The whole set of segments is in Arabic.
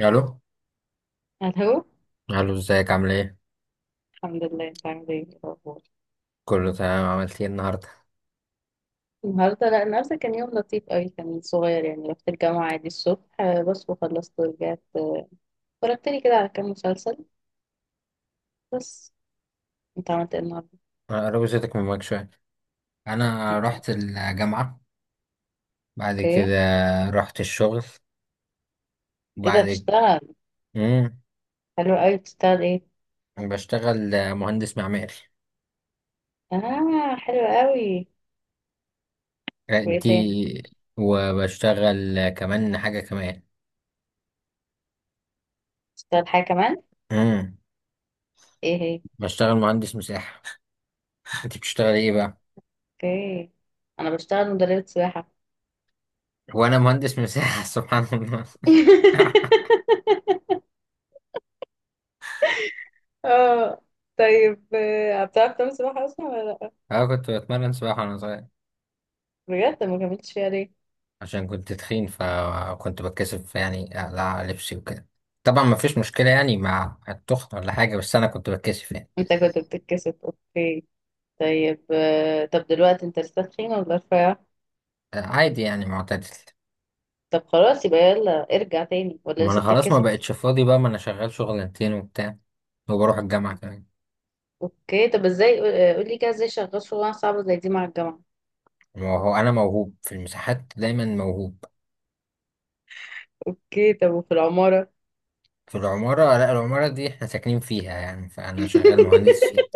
الو. الو. الو، ازيك؟ عامل ايه؟ الحمد لله، انت عامل ايه؟ إيه الاخبار؟ كله تمام. عملت ايه النهارده؟ النهارده، لا النهارده كان يوم لطيف قوي، كان صغير يعني. رحت الجامعه عادي الصبح بس، وخلصت ورجعت اتفرجت لي كده على كام مسلسل بس. انت عملت ايه النهارده؟ انا قربت صوتك من المايك شويه. انا اوكي. رحت الجامعه. بعد اوكي. كده رحت الشغل. ايه ده، وبعد بتشتغل؟ امم حلو قوي، بتشتغل ايه؟ بشتغل مهندس معماري. اه، حلو قوي. وايه تاني؟ دي. وبشتغل كمان حاجه كمان. بتشتغل حاجه كمان؟ امم ايه هي؟ بشتغل مهندس مساحه. انت بتشتغل ايه بقى؟ اوكي، انا بشتغل مدربه سباحه. وانا مهندس مساحه. سبحان الله. اه، طيب. بتعرف تعمل سباحه اصلا ولا لا؟ انا كنت بتمرن سباحه وانا صغير. بجد، ما كملتش فيها ليه؟ عشان كنت تخين فكنت بتكسف يعني اقلع لبسي وكده. طبعا ما فيش مشكلة يعني مع التخن ولا حاجة، بس انا كنت بتكسف يعني. انت كنت بتتكسف، اوكي. طيب طب دلوقتي انت لسه تخين ولا رفيع؟ عادي يعني معتدل. طب خلاص، يبقى يلا ارجع تاني ولا ما انا لسه خلاص ما بتتكسف؟ بقتش فاضي بقى، ما انا شغال شغلانتين وبتاع. وبروح الجامعة كمان. اوكي، طب ازاي؟ قولي كده، ازاي شغال شغلانه صعبه زي دي مع الجامعه؟ وهو انا موهوب في المساحات، دايما موهوب. اوكي، طب وفي العماره؟ في العمارة، لا العمارة دي احنا ساكنين فيها يعني فانا شغال مهندس فيها.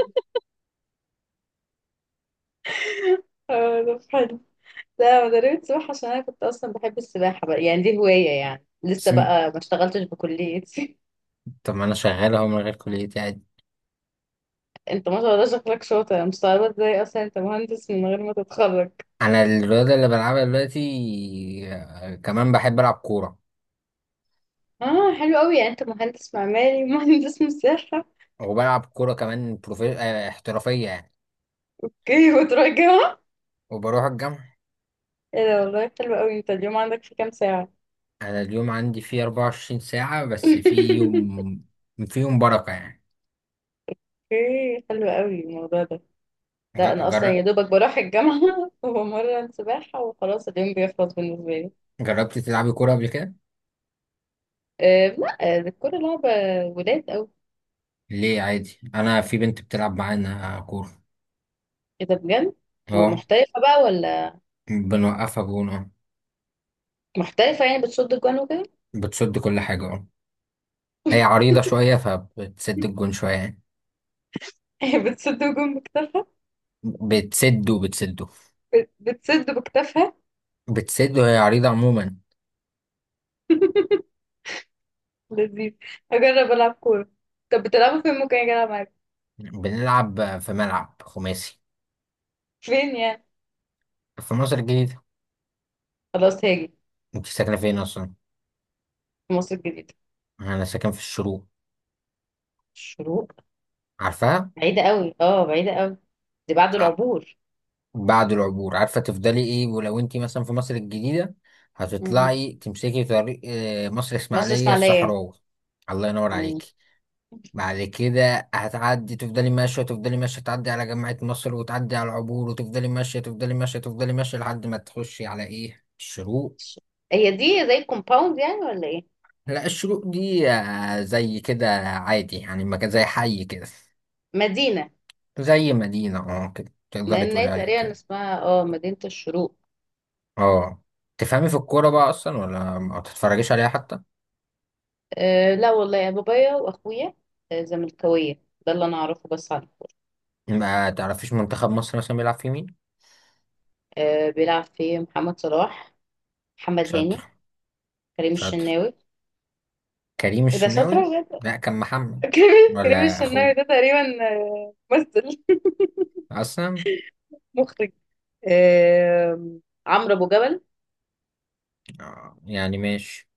اه، طب حلو. لا انا رميت سباحه عشان انا كنت اصلا بحب السباحه بقى، يعني دي هوايه يعني، لسه بس بقى ما اشتغلتش بكليتي. طب ما انا شغال اهو من غير كليتي عادي. انت ما شاء الله شكلك شاطر، انا مستغربه ازاي اصلا انت مهندس من غير ما تتخرج. انا الرياضة اللي بلعبها دلوقتي، كمان بحب العب كورة. اه حلو قوي، يعني انت مهندس معماري مهندس مساحه. وبلعب كورة كمان بروفي... آه، احترافية يعني. اوكي، وتروح الجامعة؟ وبروح الجامعة. ايه ده والله، حلو قوي. طب اليوم عندك فيه كام ساعة؟ أنا اليوم عندي فيه 24 ساعة بس اوكي. فيهم بركة يعني. حلو قوي الموضوع ده. لا ج- انا اصلا جر... يا دوبك بروح الجامعة وبمرن سباحة وخلاص، اليوم بيخلص بالنسبة لي. جربت تلعبي كورة قبل كده؟ أه لا، الكورة لعبة ولاد قوي. ليه عادي، أنا في بنت بتلعب معانا كورة. كده بجد؟ أه، ومحترفة بقى ولا؟ بنوقفها جون أه. محترفة يعني، بتصد الجوان وكده؟ بتسد كل حاجة أه. هي عريضة شوية فبتسد الجون شوية يعني. هي بتصد الجون بكتافها. بتسد وبتسده. بتصد بكتافها. بتسد وهي عريضة عموما. لذيذ. هجرب العب كورة. طب بتلعبوا فين، ممكن اجي العب معاك؟ بنلعب في ملعب خماسي. فين يعني؟ في مصر الجديدة. خلاص هاجي. انت ساكنة فين أصلا؟ في مصر الجديدة. انا ساكن في الشروق. الشروق. عارفاها. بعيدة قوي، اه بعيدة قوي، دي بعد آه، العبور. بعد العبور، عارفه تفضلي ايه، ولو انت مثلا في مصر الجديده مم. هتطلعي تمسكي طريق مصر مصر اسماعيليه اسماعيلية. الصحراوي. الله ينور مم. عليكي. بعد كده هتعدي، تفضلي ماشيه تفضلي ماشيه، تعدي على جامعه مصر وتعدي على العبور، وتفضلي ماشيه تفضلي ماشيه تفضلي ماشيه لحد ما تخشي على ايه الشروق. هي دي زي الكومباوند يعني ولا ايه؟ لا، الشروق دي زي كده عادي يعني، مكان زي حي كده. مدينة. زي مدينه، اه كده تقدري لان هي تقولي عليها تقريبا كده. اسمها مدينة الشروق. اه. تفهمي في الكورة بقى أصلا ولا ما تتفرجيش عليها حتى؟ أه لا، والله يا بابايا واخويا. زملكاوية، ده اللي انا اعرفه بس عنه. ما تعرفيش منتخب مصر مثلا بيلعب في مين؟ أه، بيلعب في محمد صلاح، محمد شاطر. هاني، كريم شاطر الشناوي. كريم إيه ده، شاطرة الشناوي. بجد. لا كان محمد. كريم ولا الشناوي أخوه ده تقريبا ممثل. أصلا. مخرج. أه، عمرو ابو جبل. يعني ماشي.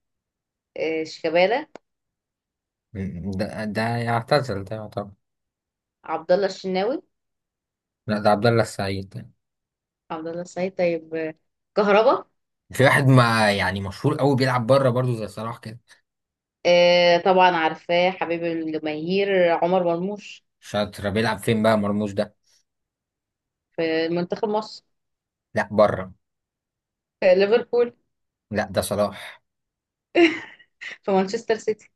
أه، شيكابالا. ده يعتزل، ده يعتبر. عبد الله الشناوي. لا ده عبد الله السعيد ده. عبد الله السعيد. طيب كهربا. في واحد ما يعني مشهور قوي بيلعب بره برضه زي صلاح كده. آه طبعا، عارفاه حبيب الجماهير عمر مرموش. شاطر، بيلعب فين بقى مرموش ده؟ في منتخب مصر. لا بره. في ليفربول. لا ده صلاح. في مانشستر سيتي. ان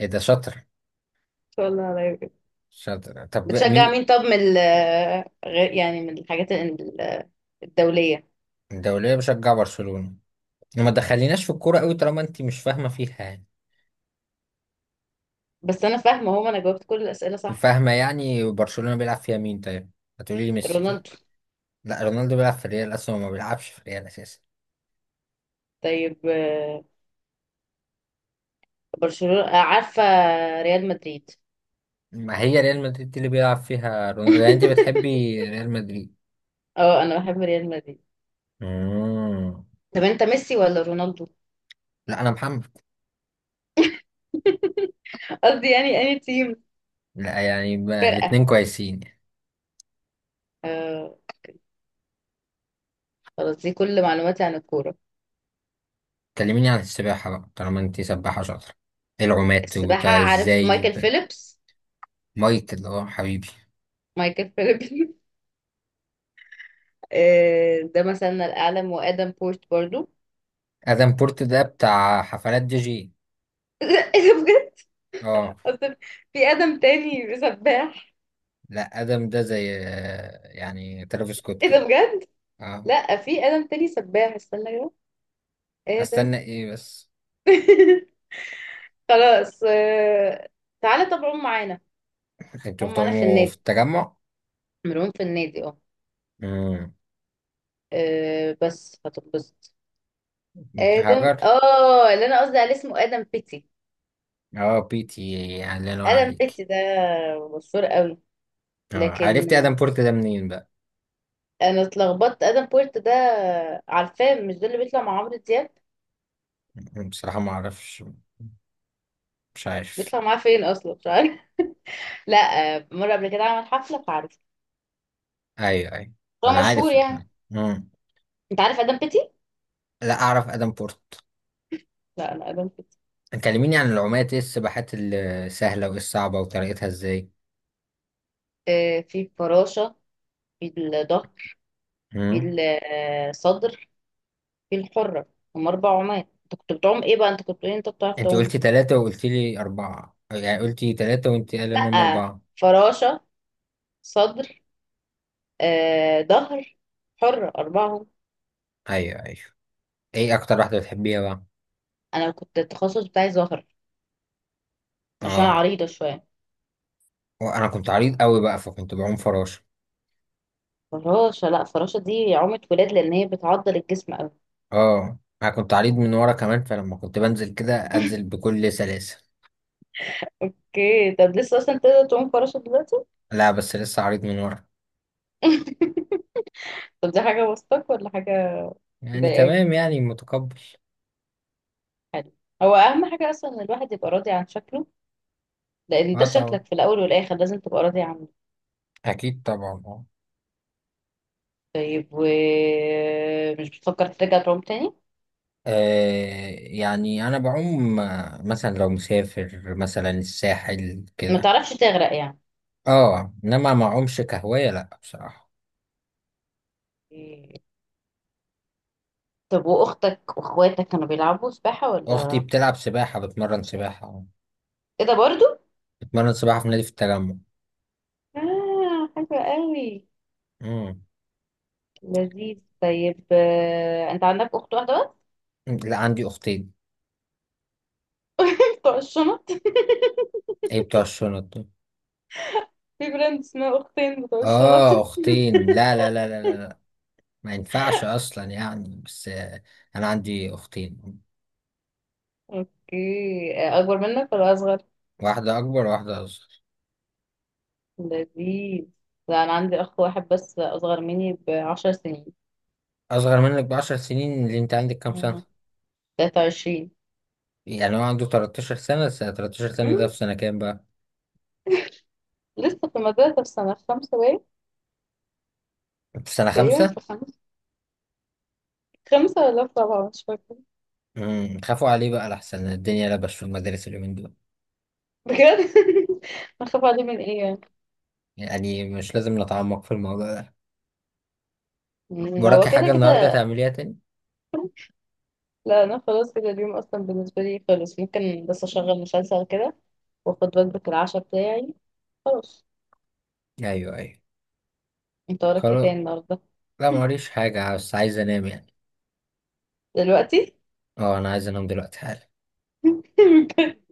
ايه ده شاطر. شاء الله على خير. شاطر. طب بتشجع مين؟ مين؟ طب من غير يعني، من الحاجات الدولية. الدولية، بشجع برشلونة. ما دخليناش في الكورة قوي طالما انت مش فاهمة فيها يعني. بس انا فاهمة، هو انا جاوبت كل الأسئلة صح؟ فاهمة يعني برشلونة بيلعب فيها مين طيب؟ هتقولي لي ميسي، صح؟ رونالدو. لا، رونالدو بيلعب في ريال اصلا وما بيلعبش في ريال اساسا. طيب برشلونة. عارفة، ريال مدريد. ما هي ريال مدريد اللي بيلعب فيها رونالدو، يعني انت بتحبي ريال مدريد. اه، انا بحب ريال مدريد. مم. طب انت ميسي ولا رونالدو؟ لا انا محمد. قصدي يعني، اني تيم، لا يعني ما... فرقة. الاتنين كويسين يعني. آه. خلاص، دي كل معلوماتي عن الكورة. كلميني عن السباحة بقى طالما انت سباحة شاطرة. إيه العومات السباحة، وبتاع عارف ازاي مايكل وبتاع. فيليبس؟ مايكل اه حبيبي. مايكل فيليبس. ده مثلنا الأعلى، وآدم بورت برضو. ادم بورت ده بتاع حفلات دي جي. ايه ده بجد؟ اه. اصل في آدم تاني سباح. لا، ادم ده زي يعني ترافيس سكوت ايه ده كده. بجد؟ اه. لا في آدم تاني سباح، استنى كده. آدم. استنى ايه بس. خلاص. آه. تعالى طب، عم معانا. انتوا عم معانا في بتعوموا النادي، في التجمع؟ ملعوب في النادي، اه. امم بس هتنبسط. آدم، هاجر. اللي انا قصدي عليه اسمه آدم بيتي. اه بيتي. يعني الله ينور آدم عليك. بيتي ده مشهور قوي، اه، لكن. عرفت ادم بورت ده منين بقى؟ انا اتلخبطت، ادم بورت ده عارفاه، مش ده اللي بيطلع مع عمرو دياب؟ بصراحة ما اعرفش. مش عارف. بيطلع معاه فين اصلا، مش عارف. لا. مره قبل كده عمل حفله فعارف. ايوه ايوه. هو ما انا مشهور عارف. يعني. امم انت عارف ادم بيتي؟ لا اعرف ادم بورت. لا، انا ادم بيتي. كلميني عن العومات، ايه السباحات السهلة وايه الصعبة وطريقتها ازاي. في الفراشه، في الظهر، في امم الصدر، في الحره. هم 4 عمال. انت كنت بتعوم ايه بقى؟ انت كنت بتقول انت بتعرف انت تعوم. قلتي ثلاثة وقلتي لي أربعة، يعني قلتي ثلاثة وانت قال انهم لا. أربعة. فراشه، صدر، ظهر، حره، 4. ايوه ايوه. ايه اكتر واحده بتحبيها بقى؟ انا كنت التخصص بتاعي ظهر، عشان أنا اه. عريضه شويه. وانا كنت عريض قوي بقى فكنت بعوم فراشه. فراشة، لا فراشة دي عومة ولاد، لأن هي بتعضل الجسم أوي. اه انا كنت عريض من ورا كمان، فلما كنت بنزل كده انزل بكل سلاسه. اوكي طب، لسه أصلا تقدر تعوم فراشة دلوقتي؟ لا بس لسه عريض من ورا. طب دي حاجة وسطك، ولا حاجة يعني مضايقاك؟ تمام يعني متقبل. حلو. هو أهم حاجة أصلا إن الواحد يبقى راضي عن شكله، لأن ده اه طبعا، شكلك في الأول والآخر، لازم تبقى راضي عنه. اكيد طبعا اه. طيب، ومش بتفكر ترجع تعوم تاني؟ يعني انا بعوم، مثلا لو مسافر مثلا الساحل ما كده. تعرفش تغرق يعني. اه، انما ما اعومش كهوايه لا بصراحه. إيه. طب وأختك وأخواتك كانوا بيلعبوا سباحة اختي ولا؟ بتلعب سباحه، بتمرن سباحه. إيه ده برضو؟ بتمرن سباحه في نادي في التجمع. حلو قوي. امم لذيذ. طيب أنت عندك أخت واحدة بس؟ لا عندي اختين. بتوع الشنط؟ ايه بتوع الشنط دول؟ في براند اسمها أختين بتوع الشنط. اه اختين؟ لا، لا، لا، لا، لا، لا. ما ينفعش اصلا يعني، بس انا عندي اختين. اوكي، اكبر منك ولا اصغر؟ واحده اكبر وواحده اصغر. لذيذ. لا انا عندي اخ واحد بس، اصغر مني بـ10 سنين. اصغر منك ب10 سنين؟ اللي انت عندك كام سنه؟ مم. 23. يعني هو عنده 13 سنه. 13 سنه ده مم. في سنه كام بقى؟ لسه في المدرسة، في سنة خمسة باين، في سنه تقريبا خمسة؟ في خمسة، خمسة ولا في رابعة، مش فاكرة. خافوا عليه بقى لحسن الدنيا لبش في المدارس اليومين دول. بجد. اخاف عليه من ايه يعني؟ يعني مش لازم نتعمق في الموضوع ده. هو وراكي حاجه كده النهارده كده. تعمليها تاني؟ لا انا خلاص كده، اليوم اصلا بالنسبة لي خلص، ممكن بس اشغل مسلسل كده، واخد وجبة العشاء بتاعي، خلاص. ايوه ايوه. انت وراك ايه خلاص. تاني النهاردة؟ لا موريش حاجه، بس عايز انام يعني. دلوقتي. اه انا عايز انام دلوقتي حالا.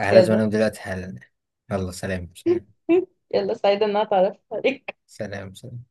على يلا. زمانهم، دلوقتي حالا. يلا. سلام سلام. يلا، سعيدة ان انا اتعرف عليك. سلام سلام.